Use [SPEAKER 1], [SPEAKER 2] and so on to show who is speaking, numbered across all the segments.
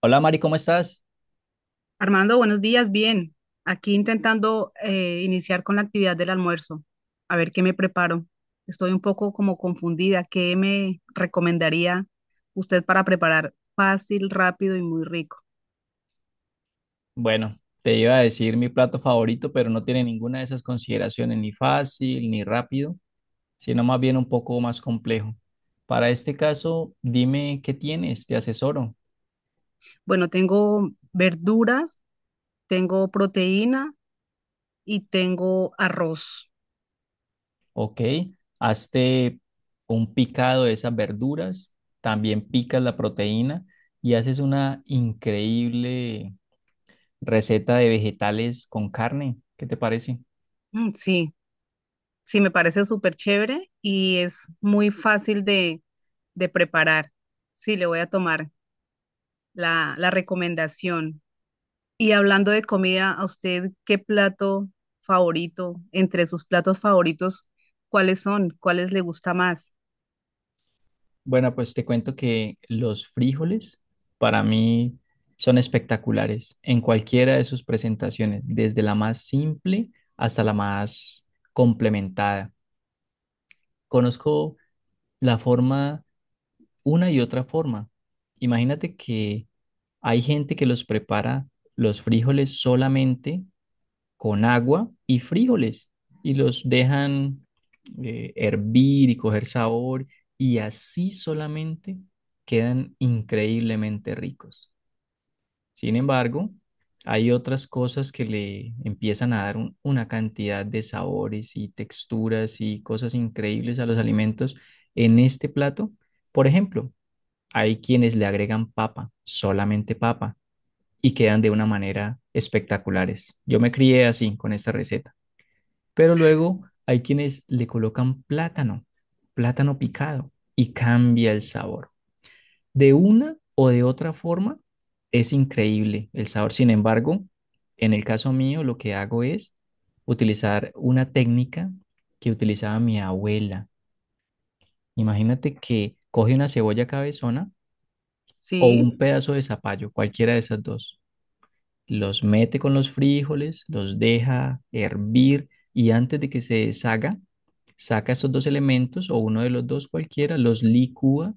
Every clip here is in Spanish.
[SPEAKER 1] Hola Mari, ¿cómo estás?
[SPEAKER 2] Armando, buenos días, bien. Aquí intentando iniciar con la actividad del almuerzo, a ver qué me preparo. Estoy un poco como confundida. ¿Qué me recomendaría usted para preparar fácil, rápido y muy rico?
[SPEAKER 1] Bueno, te iba a decir mi plato favorito, pero no tiene ninguna de esas consideraciones, ni fácil, ni rápido, sino más bien un poco más complejo. Para este caso, dime qué tienes, te asesoro,
[SPEAKER 2] Bueno, tengo verduras, tengo proteína y tengo arroz.
[SPEAKER 1] ¿ok? Hazte un picado de esas verduras, también picas la proteína y haces una increíble receta de vegetales con carne. ¿Qué te parece?
[SPEAKER 2] Mm, sí, sí, me parece súper chévere y es muy fácil de preparar. Sí, le voy a tomar la recomendación. Y hablando de comida, ¿a usted qué plato favorito, entre sus platos favoritos, cuáles son? ¿Cuáles le gusta más?
[SPEAKER 1] Bueno, pues te cuento que los frijoles para mí son espectaculares en cualquiera de sus presentaciones, desde la más simple hasta la más complementada. Conozco la forma, una y otra forma. Imagínate que hay gente que los prepara los frijoles solamente con agua y frijoles y los dejan hervir y coger sabor y así solamente quedan increíblemente ricos. Sin embargo, hay otras cosas que le empiezan a dar una cantidad de sabores y texturas y cosas increíbles a los alimentos en este plato. Por ejemplo, hay quienes le agregan papa, solamente papa, y quedan de una manera espectaculares. Yo me crié así con esta receta. Pero luego hay quienes le colocan plátano, plátano picado, y cambia el sabor. De una o de otra forma, es increíble el sabor. Sin embargo, en el caso mío, lo que hago es utilizar una técnica que utilizaba mi abuela. Imagínate que coge una cebolla cabezona o
[SPEAKER 2] Sí.
[SPEAKER 1] un pedazo de zapallo, cualquiera de esas dos. Los mete con los frijoles, los deja hervir y antes de que se deshaga, saca esos dos elementos o uno de los dos cualquiera, los licúa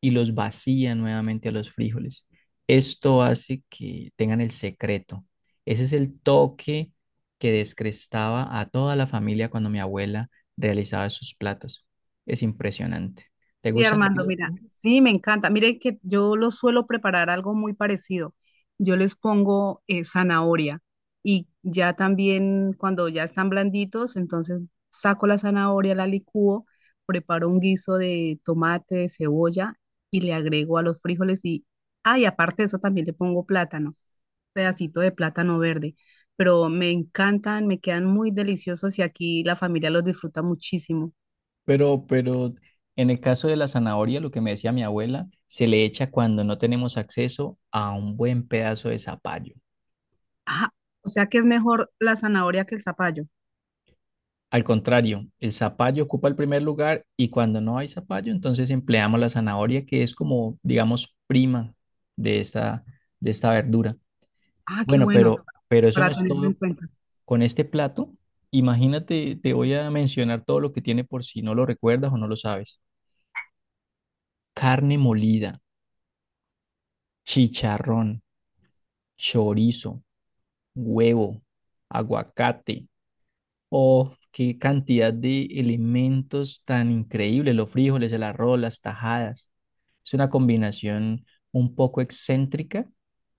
[SPEAKER 1] y los vacía nuevamente a los frijoles. Esto hace que tengan el secreto. Ese es el toque que descrestaba a toda la familia cuando mi abuela realizaba sus platos. Es impresionante. ¿Te
[SPEAKER 2] Sí,
[SPEAKER 1] gustan a ti
[SPEAKER 2] Armando,
[SPEAKER 1] los
[SPEAKER 2] mira,
[SPEAKER 1] frijoles?
[SPEAKER 2] sí, me encanta. Mire que yo lo suelo preparar algo muy parecido. Yo les pongo zanahoria y ya también cuando ya están blanditos, entonces saco la zanahoria, la licúo, preparo un guiso de tomate, de cebolla y le agrego a los frijoles y, ah, y aparte de eso también le pongo plátano, pedacito de plátano verde. Pero me encantan, me quedan muy deliciosos y aquí la familia los disfruta muchísimo.
[SPEAKER 1] Pero en el caso de la zanahoria, lo que me decía mi abuela, se le echa cuando no tenemos acceso a un buen pedazo de zapallo.
[SPEAKER 2] Ah, o sea que es mejor la zanahoria que el zapallo.
[SPEAKER 1] Al contrario, el zapallo ocupa el primer lugar y cuando no hay zapallo, entonces empleamos la zanahoria, que es como, digamos, prima de esta, de esta verdura.
[SPEAKER 2] Ah, qué
[SPEAKER 1] Bueno,
[SPEAKER 2] bueno,
[SPEAKER 1] pero eso no
[SPEAKER 2] para
[SPEAKER 1] es
[SPEAKER 2] tenerlo en
[SPEAKER 1] todo
[SPEAKER 2] cuenta.
[SPEAKER 1] con este plato. Imagínate, te voy a mencionar todo lo que tiene por si no lo recuerdas o no lo sabes. Carne molida, chicharrón, chorizo, huevo, aguacate. Oh, qué cantidad de elementos tan increíbles, los frijoles, el arroz, las tajadas. Es una combinación un poco excéntrica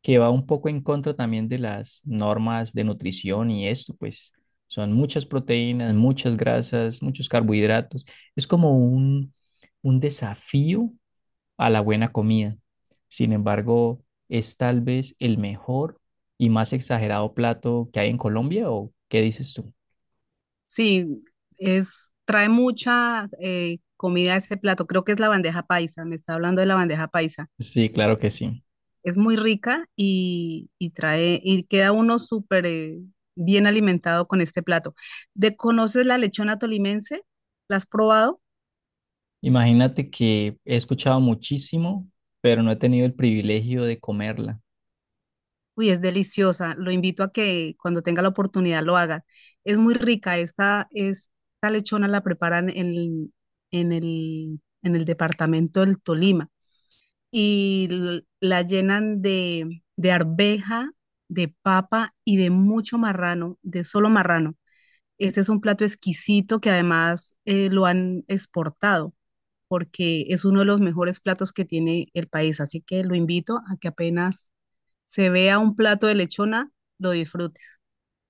[SPEAKER 1] que va un poco en contra también de las normas de nutrición y esto, pues son muchas proteínas, muchas grasas, muchos carbohidratos. Es como un desafío a la buena comida. Sin embargo, es tal vez el mejor y más exagerado plato que hay en Colombia, ¿o qué dices tú?
[SPEAKER 2] Sí, es, trae mucha comida a ese plato. Creo que es la bandeja paisa, me está hablando de la bandeja paisa.
[SPEAKER 1] Sí, claro que sí.
[SPEAKER 2] Es muy rica y trae, y queda uno súper bien alimentado con este plato. ¿De conoces la lechona tolimense? ¿La has probado?
[SPEAKER 1] Imagínate que he escuchado muchísimo, pero no he tenido el privilegio de comerla.
[SPEAKER 2] Uy, es deliciosa. Lo invito a que cuando tenga la oportunidad lo haga. Es muy rica. Esta lechona la preparan en en el departamento del Tolima y la llenan de arveja, de papa y de mucho marrano, de solo marrano. Este es un plato exquisito que además lo han exportado porque es uno de los mejores platos que tiene el país. Así que lo invito a que apenas se vea un plato de lechona, lo disfrutes.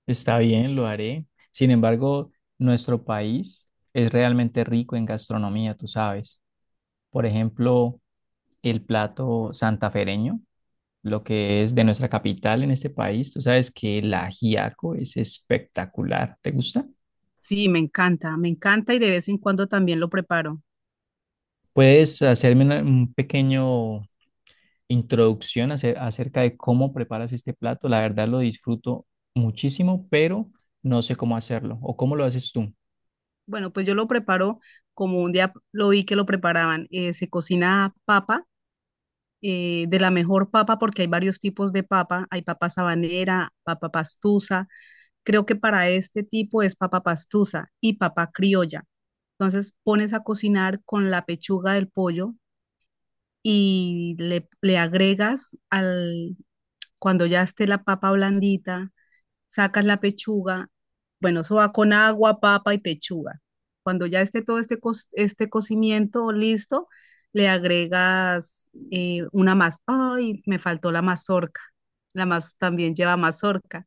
[SPEAKER 1] Está bien, lo haré. Sin embargo, nuestro país es realmente rico en gastronomía, tú sabes. Por ejemplo, el plato santafereño lo que es de nuestra capital en este país. Tú sabes que la ajiaco es espectacular. ¿Te gusta?
[SPEAKER 2] Sí, me encanta y de vez en cuando también lo preparo.
[SPEAKER 1] ¿Puedes hacerme un pequeño introducción acerca de cómo preparas este plato? La verdad lo disfruto muchísimo, pero no sé cómo hacerlo o cómo lo haces tú.
[SPEAKER 2] Bueno, pues yo lo preparo como un día lo vi que lo preparaban. Eh, se cocina papa, de la mejor papa porque hay varios tipos de papa. Hay papa sabanera, papa pastusa. Creo que para este tipo es papa pastusa y papa criolla. Entonces pones a cocinar con la pechuga del pollo y le agregas al, cuando ya esté la papa blandita sacas la pechuga, bueno, eso va con agua, papa y pechuga. Cuando ya esté todo este, este cocimiento listo, le agregas una más. Ay, me faltó la mazorca. La más también lleva mazorca.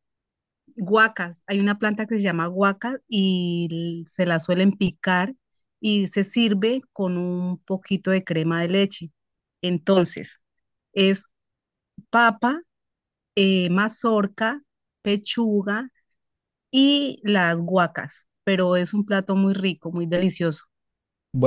[SPEAKER 2] Guacas. Hay una planta que se llama guaca y se la suelen picar y se sirve con un poquito de crema de leche. Entonces, es papa, mazorca, pechuga y las guacas, pero es un plato muy rico, muy delicioso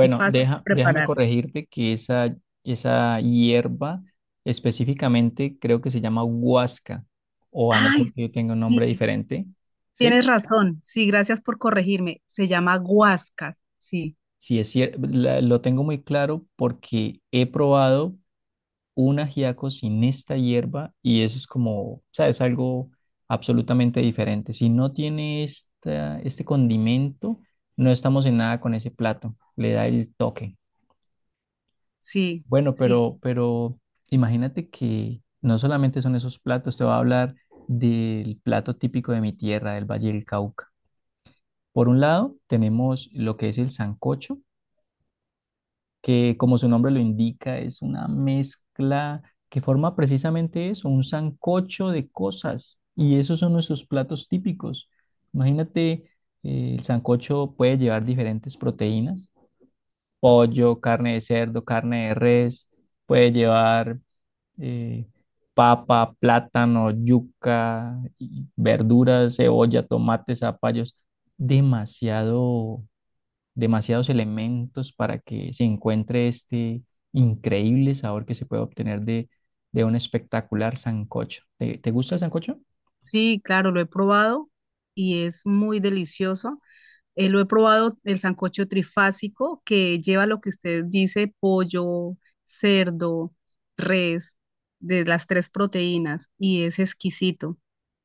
[SPEAKER 2] y fácil de
[SPEAKER 1] déjame bueno,
[SPEAKER 2] preparar.
[SPEAKER 1] corregirte que esa hierba específicamente creo que se llama huasca, o a no
[SPEAKER 2] Ay,
[SPEAKER 1] ser que tenga un
[SPEAKER 2] sí,
[SPEAKER 1] nombre diferente, ¿sí?
[SPEAKER 2] tienes razón. Sí, gracias por corregirme. Se llama guascas. Sí,
[SPEAKER 1] Sí, es cierto, lo tengo muy claro porque he probado un ajiaco sin esta hierba y eso es como, ¿sabes? Algo absolutamente diferente. Si no tiene este condimento, no estamos en nada con ese plato, le da el toque.
[SPEAKER 2] sí,
[SPEAKER 1] Bueno,
[SPEAKER 2] sí,
[SPEAKER 1] pero imagínate que no solamente son esos platos, te voy a hablar del plato típico de mi tierra, del Valle del Cauca. Por un lado, tenemos lo que es el sancocho que como su nombre lo indica, es una mezcla que forma precisamente eso, un sancocho de cosas. Y esos son nuestros platos típicos. Imagínate, el sancocho puede llevar diferentes proteínas, pollo, carne de cerdo, carne de res, puede llevar eh, papa, plátano, yuca, y verduras, cebolla, tomates, zapallos. Demasiado Demasiados elementos para que se encuentre este increíble sabor que se puede obtener de un espectacular sancocho. Te gusta el sancocho?
[SPEAKER 2] sí, claro, lo he probado y es muy delicioso. Lo he probado, el sancocho trifásico, que lleva lo que usted dice, pollo, cerdo, res, de las tres proteínas, y es exquisito.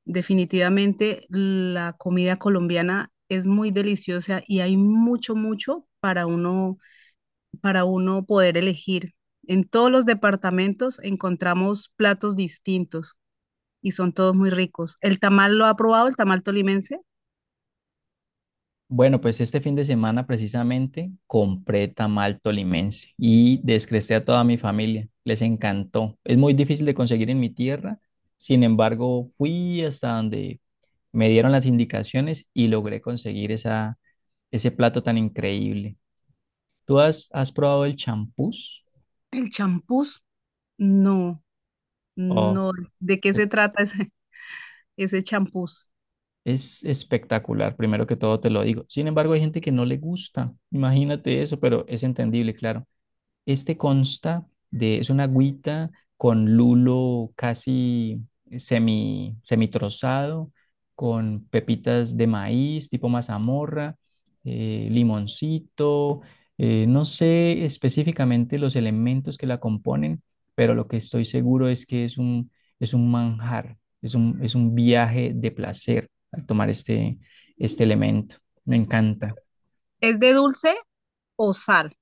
[SPEAKER 2] Definitivamente la comida colombiana es muy deliciosa y hay mucho, mucho para uno poder elegir. En todos los departamentos encontramos platos distintos y son todos muy ricos. ¿El tamal lo ha probado, el tamal tolimense?
[SPEAKER 1] Bueno, pues este fin de semana precisamente compré tamal tolimense y descresté a toda mi familia. Les encantó. Es muy difícil de conseguir en mi tierra. Sin embargo, fui hasta donde me dieron las indicaciones y logré conseguir ese plato tan increíble. ¿Tú has probado el champús?
[SPEAKER 2] ¿El champús? No.
[SPEAKER 1] Oh,
[SPEAKER 2] No, ¿de qué se trata ese champús?
[SPEAKER 1] es espectacular, primero que todo te lo digo. Sin embargo, hay gente que no le gusta, imagínate eso, pero es entendible, claro. Este consta de, es una agüita con lulo casi semitrozado, con pepitas de maíz tipo mazamorra, limoncito, no sé específicamente los elementos que la componen, pero lo que estoy seguro es que es es un manjar, es es un viaje de placer al tomar este elemento. Me encanta.
[SPEAKER 2] ¿Es de dulce o sal?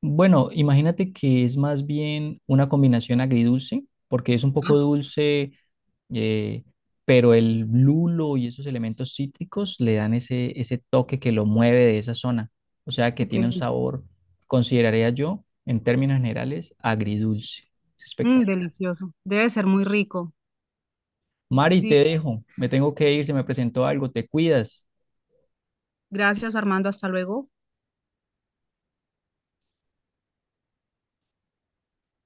[SPEAKER 1] Bueno, imagínate que es más bien una combinación agridulce, porque es un
[SPEAKER 2] Ah,
[SPEAKER 1] poco dulce, eh, pero el lulo y esos elementos cítricos le dan ese toque que lo mueve de esa zona. O sea que
[SPEAKER 2] qué
[SPEAKER 1] tiene un
[SPEAKER 2] delicia.
[SPEAKER 1] sabor, consideraría yo, en términos generales, agridulce. Es
[SPEAKER 2] Mm,
[SPEAKER 1] espectacular.
[SPEAKER 2] delicioso. Debe ser muy rico.
[SPEAKER 1] Mari, te
[SPEAKER 2] Sí,
[SPEAKER 1] dejo, me tengo que ir, se me presentó algo, te cuidas.
[SPEAKER 2] gracias Armando, hasta luego.